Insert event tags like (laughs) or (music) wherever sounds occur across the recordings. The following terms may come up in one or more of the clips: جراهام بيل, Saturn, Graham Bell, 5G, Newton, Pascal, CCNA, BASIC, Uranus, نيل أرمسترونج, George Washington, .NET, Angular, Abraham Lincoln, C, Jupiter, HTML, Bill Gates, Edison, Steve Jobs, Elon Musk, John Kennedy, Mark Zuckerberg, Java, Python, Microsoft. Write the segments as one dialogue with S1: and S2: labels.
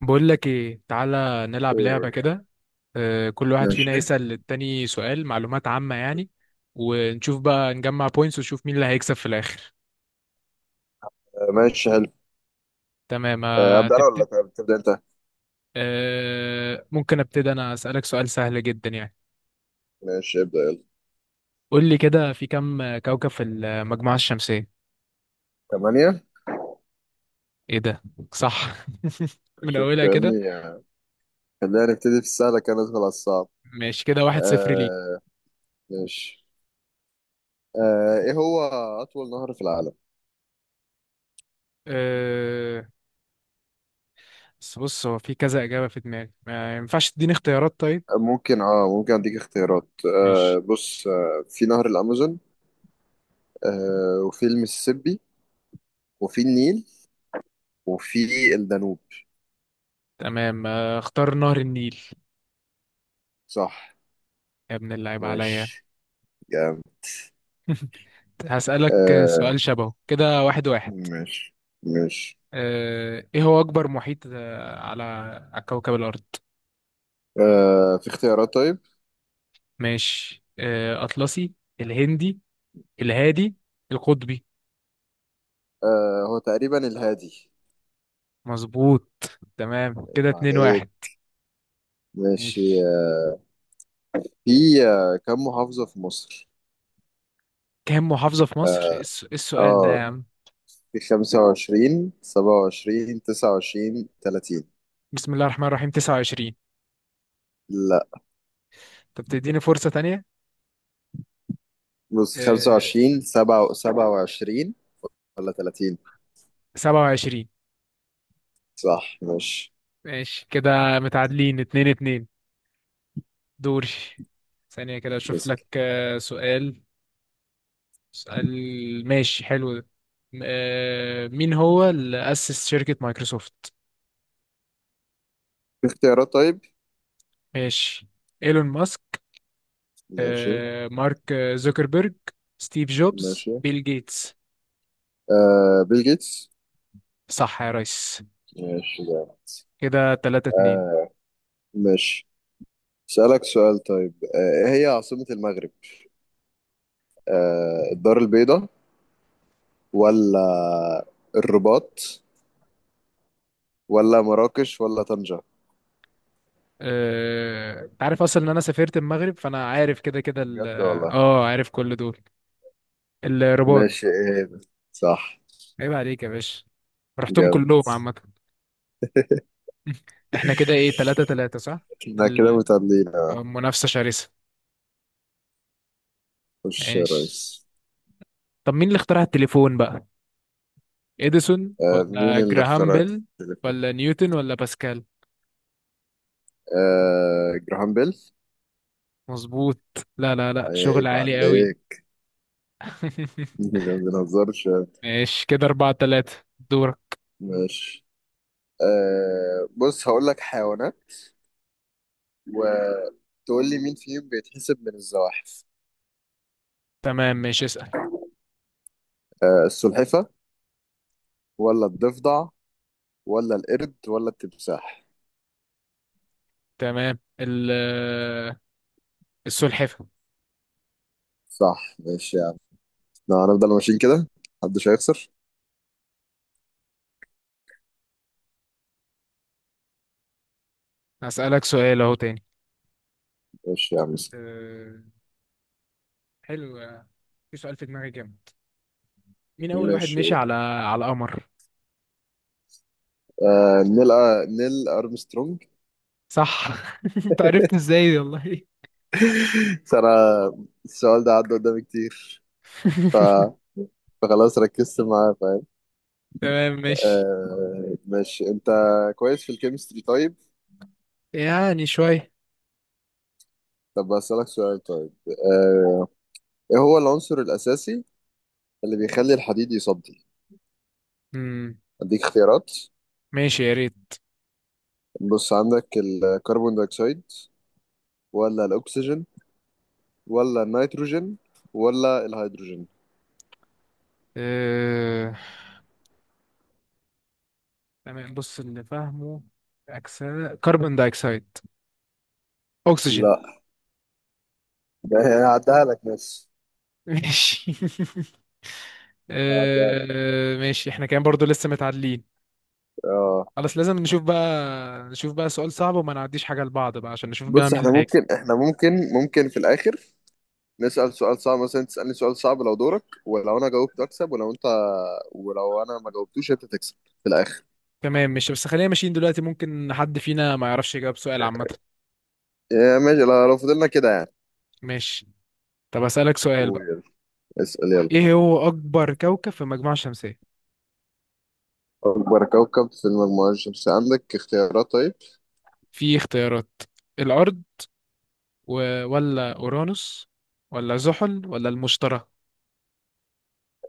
S1: بقول لك ايه، تعالى
S2: ايه
S1: نلعب لعبة
S2: يقول.
S1: كده. آه، كل واحد فينا
S2: ماشي.
S1: يسأل للتاني سؤال معلومات عامة يعني. ونشوف بقى، نجمع بوينتس ونشوف مين اللي هيكسب في الآخر.
S2: ماشي حلو.
S1: تمام، آه،
S2: ابدا انا ولا
S1: تبتدي.
S2: تبدا انت.
S1: آه، ممكن ابتدي انا أسألك سؤال سهل جدا يعني.
S2: ماشي ابدا يلا.
S1: قول لي كده، في كم كوكب في المجموعة الشمسية؟
S2: ثمانية.
S1: ايه ده؟ صح. (laughs) من
S2: شوف
S1: اولها
S2: يا
S1: كده.
S2: ابني. خلينا نبتدي في السهل كان ندخل على الصعب.
S1: ماشي، كده واحد صفر ليك.
S2: آه ماشي. ايه هو اطول نهر في العالم؟
S1: أه، بس بص هو في كذا إجابة في دماغي، ما ينفعش تديني اختيارات طيب؟
S2: ممكن اديك اختيارات.
S1: ماشي.
S2: بص، في نهر الامازون وفي المسيسيبي وفي النيل وفي الدانوب.
S1: تمام، آه، اختار نهر النيل.
S2: صح
S1: يا ابن اللعيب عليا.
S2: ماشي جامد.
S1: (laughs) هسألك
S2: آه
S1: سؤال شبهه كده، واحد واحد.
S2: ماشي ماشي
S1: آه، ايه هو اكبر محيط على كوكب الارض؟
S2: آه في اختيارات طيب
S1: ماشي، اطلسي، الهندي، الهادي، القطبي.
S2: آه هو تقريبا الهادي
S1: مظبوط. تمام، كده
S2: عيب
S1: اتنين
S2: عليك
S1: واحد.
S2: ماشي.
S1: ماشي.
S2: في كم محافظة في مصر؟
S1: كام محافظة في مصر؟
S2: اه
S1: إيه السؤال ده يا
S2: آه،
S1: عم؟
S2: في 25 27 29 30.
S1: بسم الله الرحمن الرحيم، 29.
S2: لا.
S1: طب تديني فرصة تانية؟
S2: بص
S1: آه،
S2: 25 27 ولا 30.
S1: 27.
S2: صح ماشي.
S1: ماشي، كده متعادلين اتنين اتنين. دوري. ثانية كده أشوف
S2: بس
S1: لك سؤال. اسأل، ماشي حلو ده. مين هو اللي أسس شركة مايكروسوفت؟
S2: في اختيارات طيب.
S1: ماشي. إيلون ماسك،
S2: ماشي.
S1: مارك زوكربيرج، ستيف جوبز،
S2: ماشي.
S1: بيل جيتس.
S2: بيل جيتس.
S1: صح يا ريس.
S2: ماشي ده.
S1: كده تلاتة اتنين.
S2: آه ماشي. سألك سؤال طيب، ايه هي عاصمة المغرب؟ الدار البيضاء ولا الرباط ولا مراكش ولا طنجة؟
S1: انت عارف اصلا ان انا سافرت المغرب، فانا عارف كده كده
S2: بجد والله.
S1: اه، عارف كل دول. الرباط.
S2: ماشي ايه ده. صح.
S1: عيب عليك يا باشا. رحتهم
S2: جامد.
S1: كلهم عامة. (laughs) احنا كده ايه، تلاتة تلاتة، صح؟
S2: احنا كده
S1: ال-
S2: متعادلين اه.
S1: منافسة شرسة.
S2: خش يا ريس.
S1: ماشي. طب مين اللي اخترع التليفون بقى؟ اديسون،
S2: مين
S1: ولا
S2: اللي
S1: جراهام
S2: اخترع
S1: بيل،
S2: التليفون؟
S1: ولا نيوتن، ولا باسكال؟
S2: جراهام بيل.
S1: مظبوط. لا، لا، لا، شغل
S2: عيب
S1: عالي قوي.
S2: عليك.
S1: (laughs)
S2: (laughs) ما بنهزرش.
S1: ماشي، كده أربعة تلاتة. دورك.
S2: ماشي. بص هقول لك حيوانات وتقول لي مين فيهم بيتحسب من الزواحف.
S1: تمام ماشي، اسأل.
S2: السلحفة ولا الضفدع ولا القرد ولا التمساح؟
S1: تمام، السلحفة.
S2: صح ماشي يا عم. لو هنفضل ماشيين كده محدش هيخسر.
S1: هسألك سؤال أهو تاني.
S2: ماشي يا عم.
S1: أه، حلو. في سؤال في دماغي جامد. مين أول واحد
S2: ماشي
S1: مشي
S2: قول.
S1: على القمر؟
S2: نيل أرمسترونج.
S1: صح. (laughs) أنت عرفت إزاي دي والله؟
S2: (laughs) بس أنا السؤال ده عدى قدامي كتير، ف...
S1: (laughs)
S2: فخلاص ركزت معاه فاهم.
S1: تمام ماشي.
S2: ماشي. أنت كويس في الكيمستري طيب؟
S1: يعني شوية.
S2: طب أسألك سؤال طيب. إيه هو العنصر الأساسي اللي بيخلي الحديد يصدي؟
S1: مم.
S2: أديك اختيارات.
S1: ماشي يا ريت.
S2: بص، عندك الكربون دايوكسيد ولا الأكسجين ولا النيتروجين ولا الهيدروجين؟
S1: آه، تمام بص اللي فاهمه، أكسا كربون دايوكسيد، أكسجين.
S2: لا، ده انا هعديها لك بس.
S1: ماشي. (laughs)
S2: هعديها لك.
S1: آه، ماشي، احنا كان برضو لسه متعادلين.
S2: اه.
S1: خلاص، لازم نشوف بقى سؤال صعب وما نعديش حاجة لبعض بقى، عشان نشوف بقى
S2: بص
S1: مين
S2: احنا
S1: اللي هيكسب.
S2: ممكن في الاخر نسأل سؤال صعب، مثلا تسألني سؤال صعب لو دورك، ولو انا جاوبت اكسب، ولو انت ولو انا ما جاوبتوش انت تكسب في الاخر.
S1: تمام ماشي، بس خلينا ماشيين دلوقتي، ممكن حد فينا ما يعرفش يجاوب سؤال عامة.
S2: يا ماشي، لو فضلنا كده يعني.
S1: ماشي. طب أسألك سؤال
S2: قول
S1: بقى.
S2: يلا. اسأل يلا.
S1: ايه هو أكبر كوكب في المجموعة الشمسية؟
S2: اكبر كوكب في المجموعة الشمسية عندك اختيارات طيب.
S1: في اختيارات. الأرض، ولا أورانوس، ولا زحل، ولا المشتري؟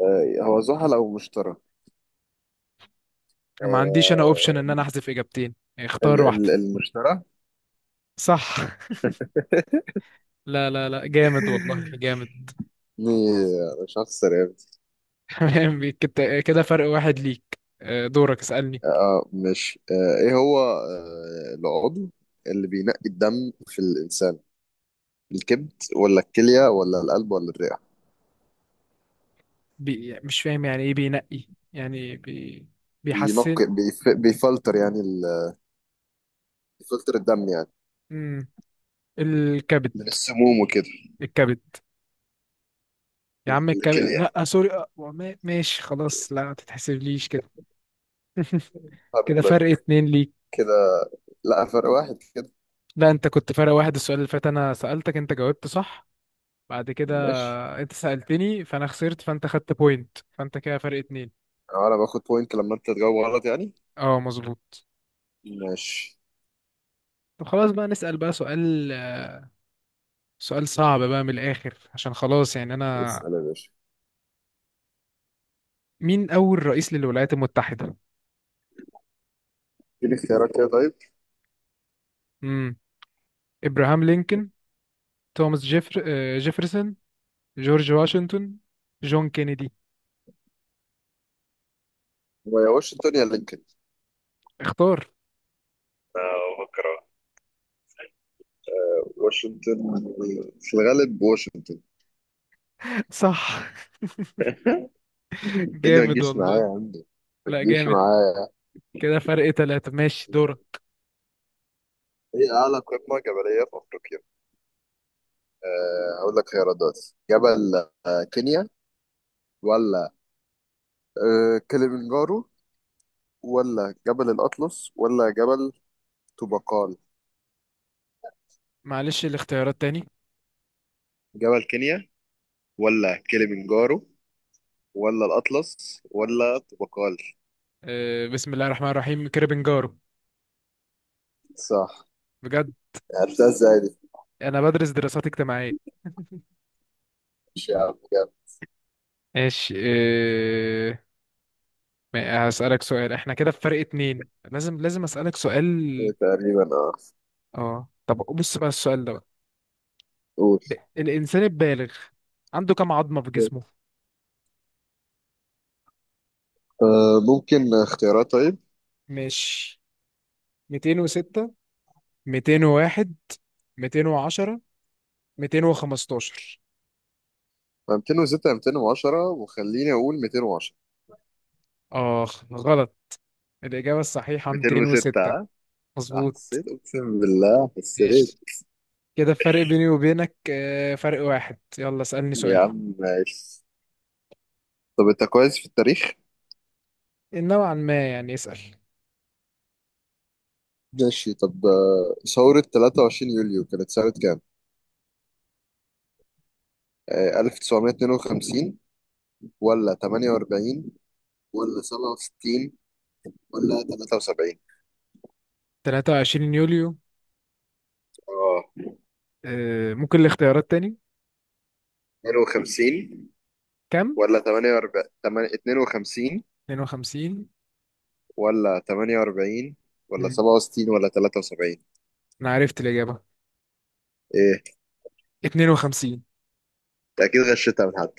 S2: هو زحل او مشتري.
S1: ما عنديش انا اوبشن
S2: آه
S1: ان انا احذف اجابتين اختار واحدة.
S2: ال المشتري. (laughs)
S1: صح. (laughs) لا، لا، لا، جامد والله، جامد.
S2: إيه، انا مش هخسر يا ابني.
S1: (laughs) تمام، كده فرق واحد ليك. آه، دورك اسألني.
S2: اه مش ايه هو العضو اللي بينقي الدم في الانسان؟ الكبد ولا الكليه ولا القلب ولا الرئه؟
S1: مش فاهم يعني ايه بينقي، يعني
S2: بينقي
S1: بيحسن؟
S2: بيفلتر يعني بيفلتر الدم يعني،
S1: مم. الكبد.
S2: من السموم وكده.
S1: الكبد. يا عم الكبد،
S2: الكليه.
S1: لا سوري، ماشي خلاص، لا ما تتحسبليش كده.
S2: هارد
S1: كده
S2: بلاد.
S1: فرق اتنين ليك.
S2: كده. لا فرق واحد كده.
S1: لا، انت كنت فرق واحد، السؤال اللي فات انا سألتك انت جاوبت صح. بعد كده،
S2: ماشي.
S1: انت سألتني فانا خسرت، فانت خدت بوينت، فانت كده فرق اتنين.
S2: انا باخد بوينت لما انت تجاوب غلط يعني.
S1: اه، مظبوط.
S2: ماشي.
S1: طب خلاص بقى، نسأل بقى سؤال سؤال صعب بقى من الآخر، عشان خلاص يعني أنا.
S2: اسال يا باشا.
S1: مين أول رئيس للولايات المتحدة؟
S2: اديني اختيارات كده طيب.
S1: امم إبراهام لينكولن، توماس جيفرسون، جورج واشنطن، جون كينيدي.
S2: واشنطن يا لينكولن.
S1: اختار.
S2: آه، بفكر أهو. واشنطن. في الغالب واشنطن.
S1: (laughs) صح.
S2: ايه. ده ما
S1: جامد
S2: تجيش معايا يا
S1: والله.
S2: عم. ما
S1: لا،
S2: تجيش
S1: جامد.
S2: معايا.
S1: كده فرق ثلاثة، ماشي دورة.
S2: هي أعلى قمة جبلية في أفريقيا. أقول لك خيارات دلوقتي. جبل كينيا ولا كليمنجارو ولا جبل الأطلس ولا جبل طوبقال؟
S1: معلش الاختيارات تاني.
S2: جبل كينيا ولا كليمنجارو ولا الأطلس ولا طوبقال؟
S1: آه، بسم الله الرحمن الرحيم، كريبنجارو.
S2: صح.
S1: بجد.
S2: عرفتها ازاي دي؟
S1: أنا بدرس دراسات اجتماعية. (laughs)
S2: مش يا عم، جامد.
S1: ماشي، هسألك سؤال، احنا كده بفرق اتنين، لازم لازم أسألك
S2: إيه
S1: سؤال.
S2: تقريبا اه.
S1: اه، طب بص بقى السؤال ده بقى.
S2: قول.
S1: ب- الإنسان البالغ عنده كم عظمة في جسمه؟
S2: ممكن اختيارات طيب.
S1: مش 206، 201، 210، 215؟
S2: 206 210 وخليني أقول 210.
S1: اخ، غلط. الإجابة الصحيحة
S2: 206
S1: 206.
S2: ها؟
S1: مظبوط.
S2: حسيت اقسم بالله حسيت.
S1: ماشي، كده الفرق بيني وبينك فرق واحد، يلا اسألني
S2: يا
S1: سؤال.
S2: عم ماشي. طب انت كويس في التاريخ؟
S1: نوعا ما يعني، اسأل.
S2: ماشي طب، ثورة 23 يوليو كانت سنة كام؟ 1952 ولا 48 ولا 67 ولا 73؟
S1: 23 يوليو.
S2: اه،
S1: آه، ممكن الاختيارات تاني؟
S2: 52
S1: كم؟
S2: ولا 48 52
S1: 52.
S2: ولا 48 ولا
S1: مم.
S2: 67 ولا 73.
S1: انا عرفت الاجابه،
S2: ايه.
S1: 52.
S2: انت اكيد غشيتها من حد.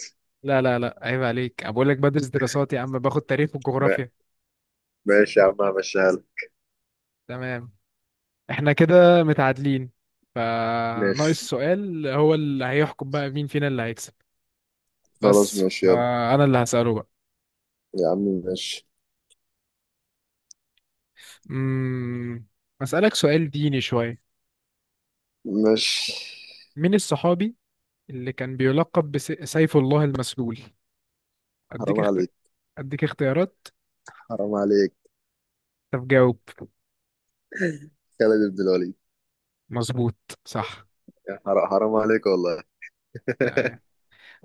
S1: لا، لا، لا، عيب عليك، انا بقول لك بدرس دراسات يا عم، باخد تاريخ
S2: ما-
S1: وجغرافيا.
S2: ماشي يا عم همشيها لك.
S1: تمام. احنا كده متعادلين،
S2: ماشي
S1: فناقص سؤال هو اللي هيحكم بقى مين فينا اللي هيكسب.
S2: خلاص
S1: بس،
S2: ماشي يلا.
S1: انا اللي هسأله بقى.
S2: يا عم. ماشي.
S1: امم اسألك سؤال ديني شويه.
S2: ماشي.
S1: مين الصحابي اللي كان بيلقب بسيف الله المسلول؟ اديك
S2: حرام
S1: اخت...
S2: عليك.
S1: اديك اختيارات.
S2: حرام عليك.
S1: طب جاوب.
S2: خالد بن الوليد.
S1: مظبوط، صح.
S2: يا حرام حرام عليك والله. (laughs)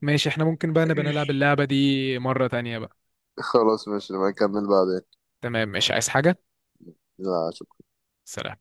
S1: ماشي، احنا ممكن بقى نبقى نلعب اللعبة دي مرة تانية بقى.
S2: خلاص ماشي نبقى نكمل بعدين.
S1: تمام، مش عايز حاجة.
S2: لا شكرا.
S1: سلام.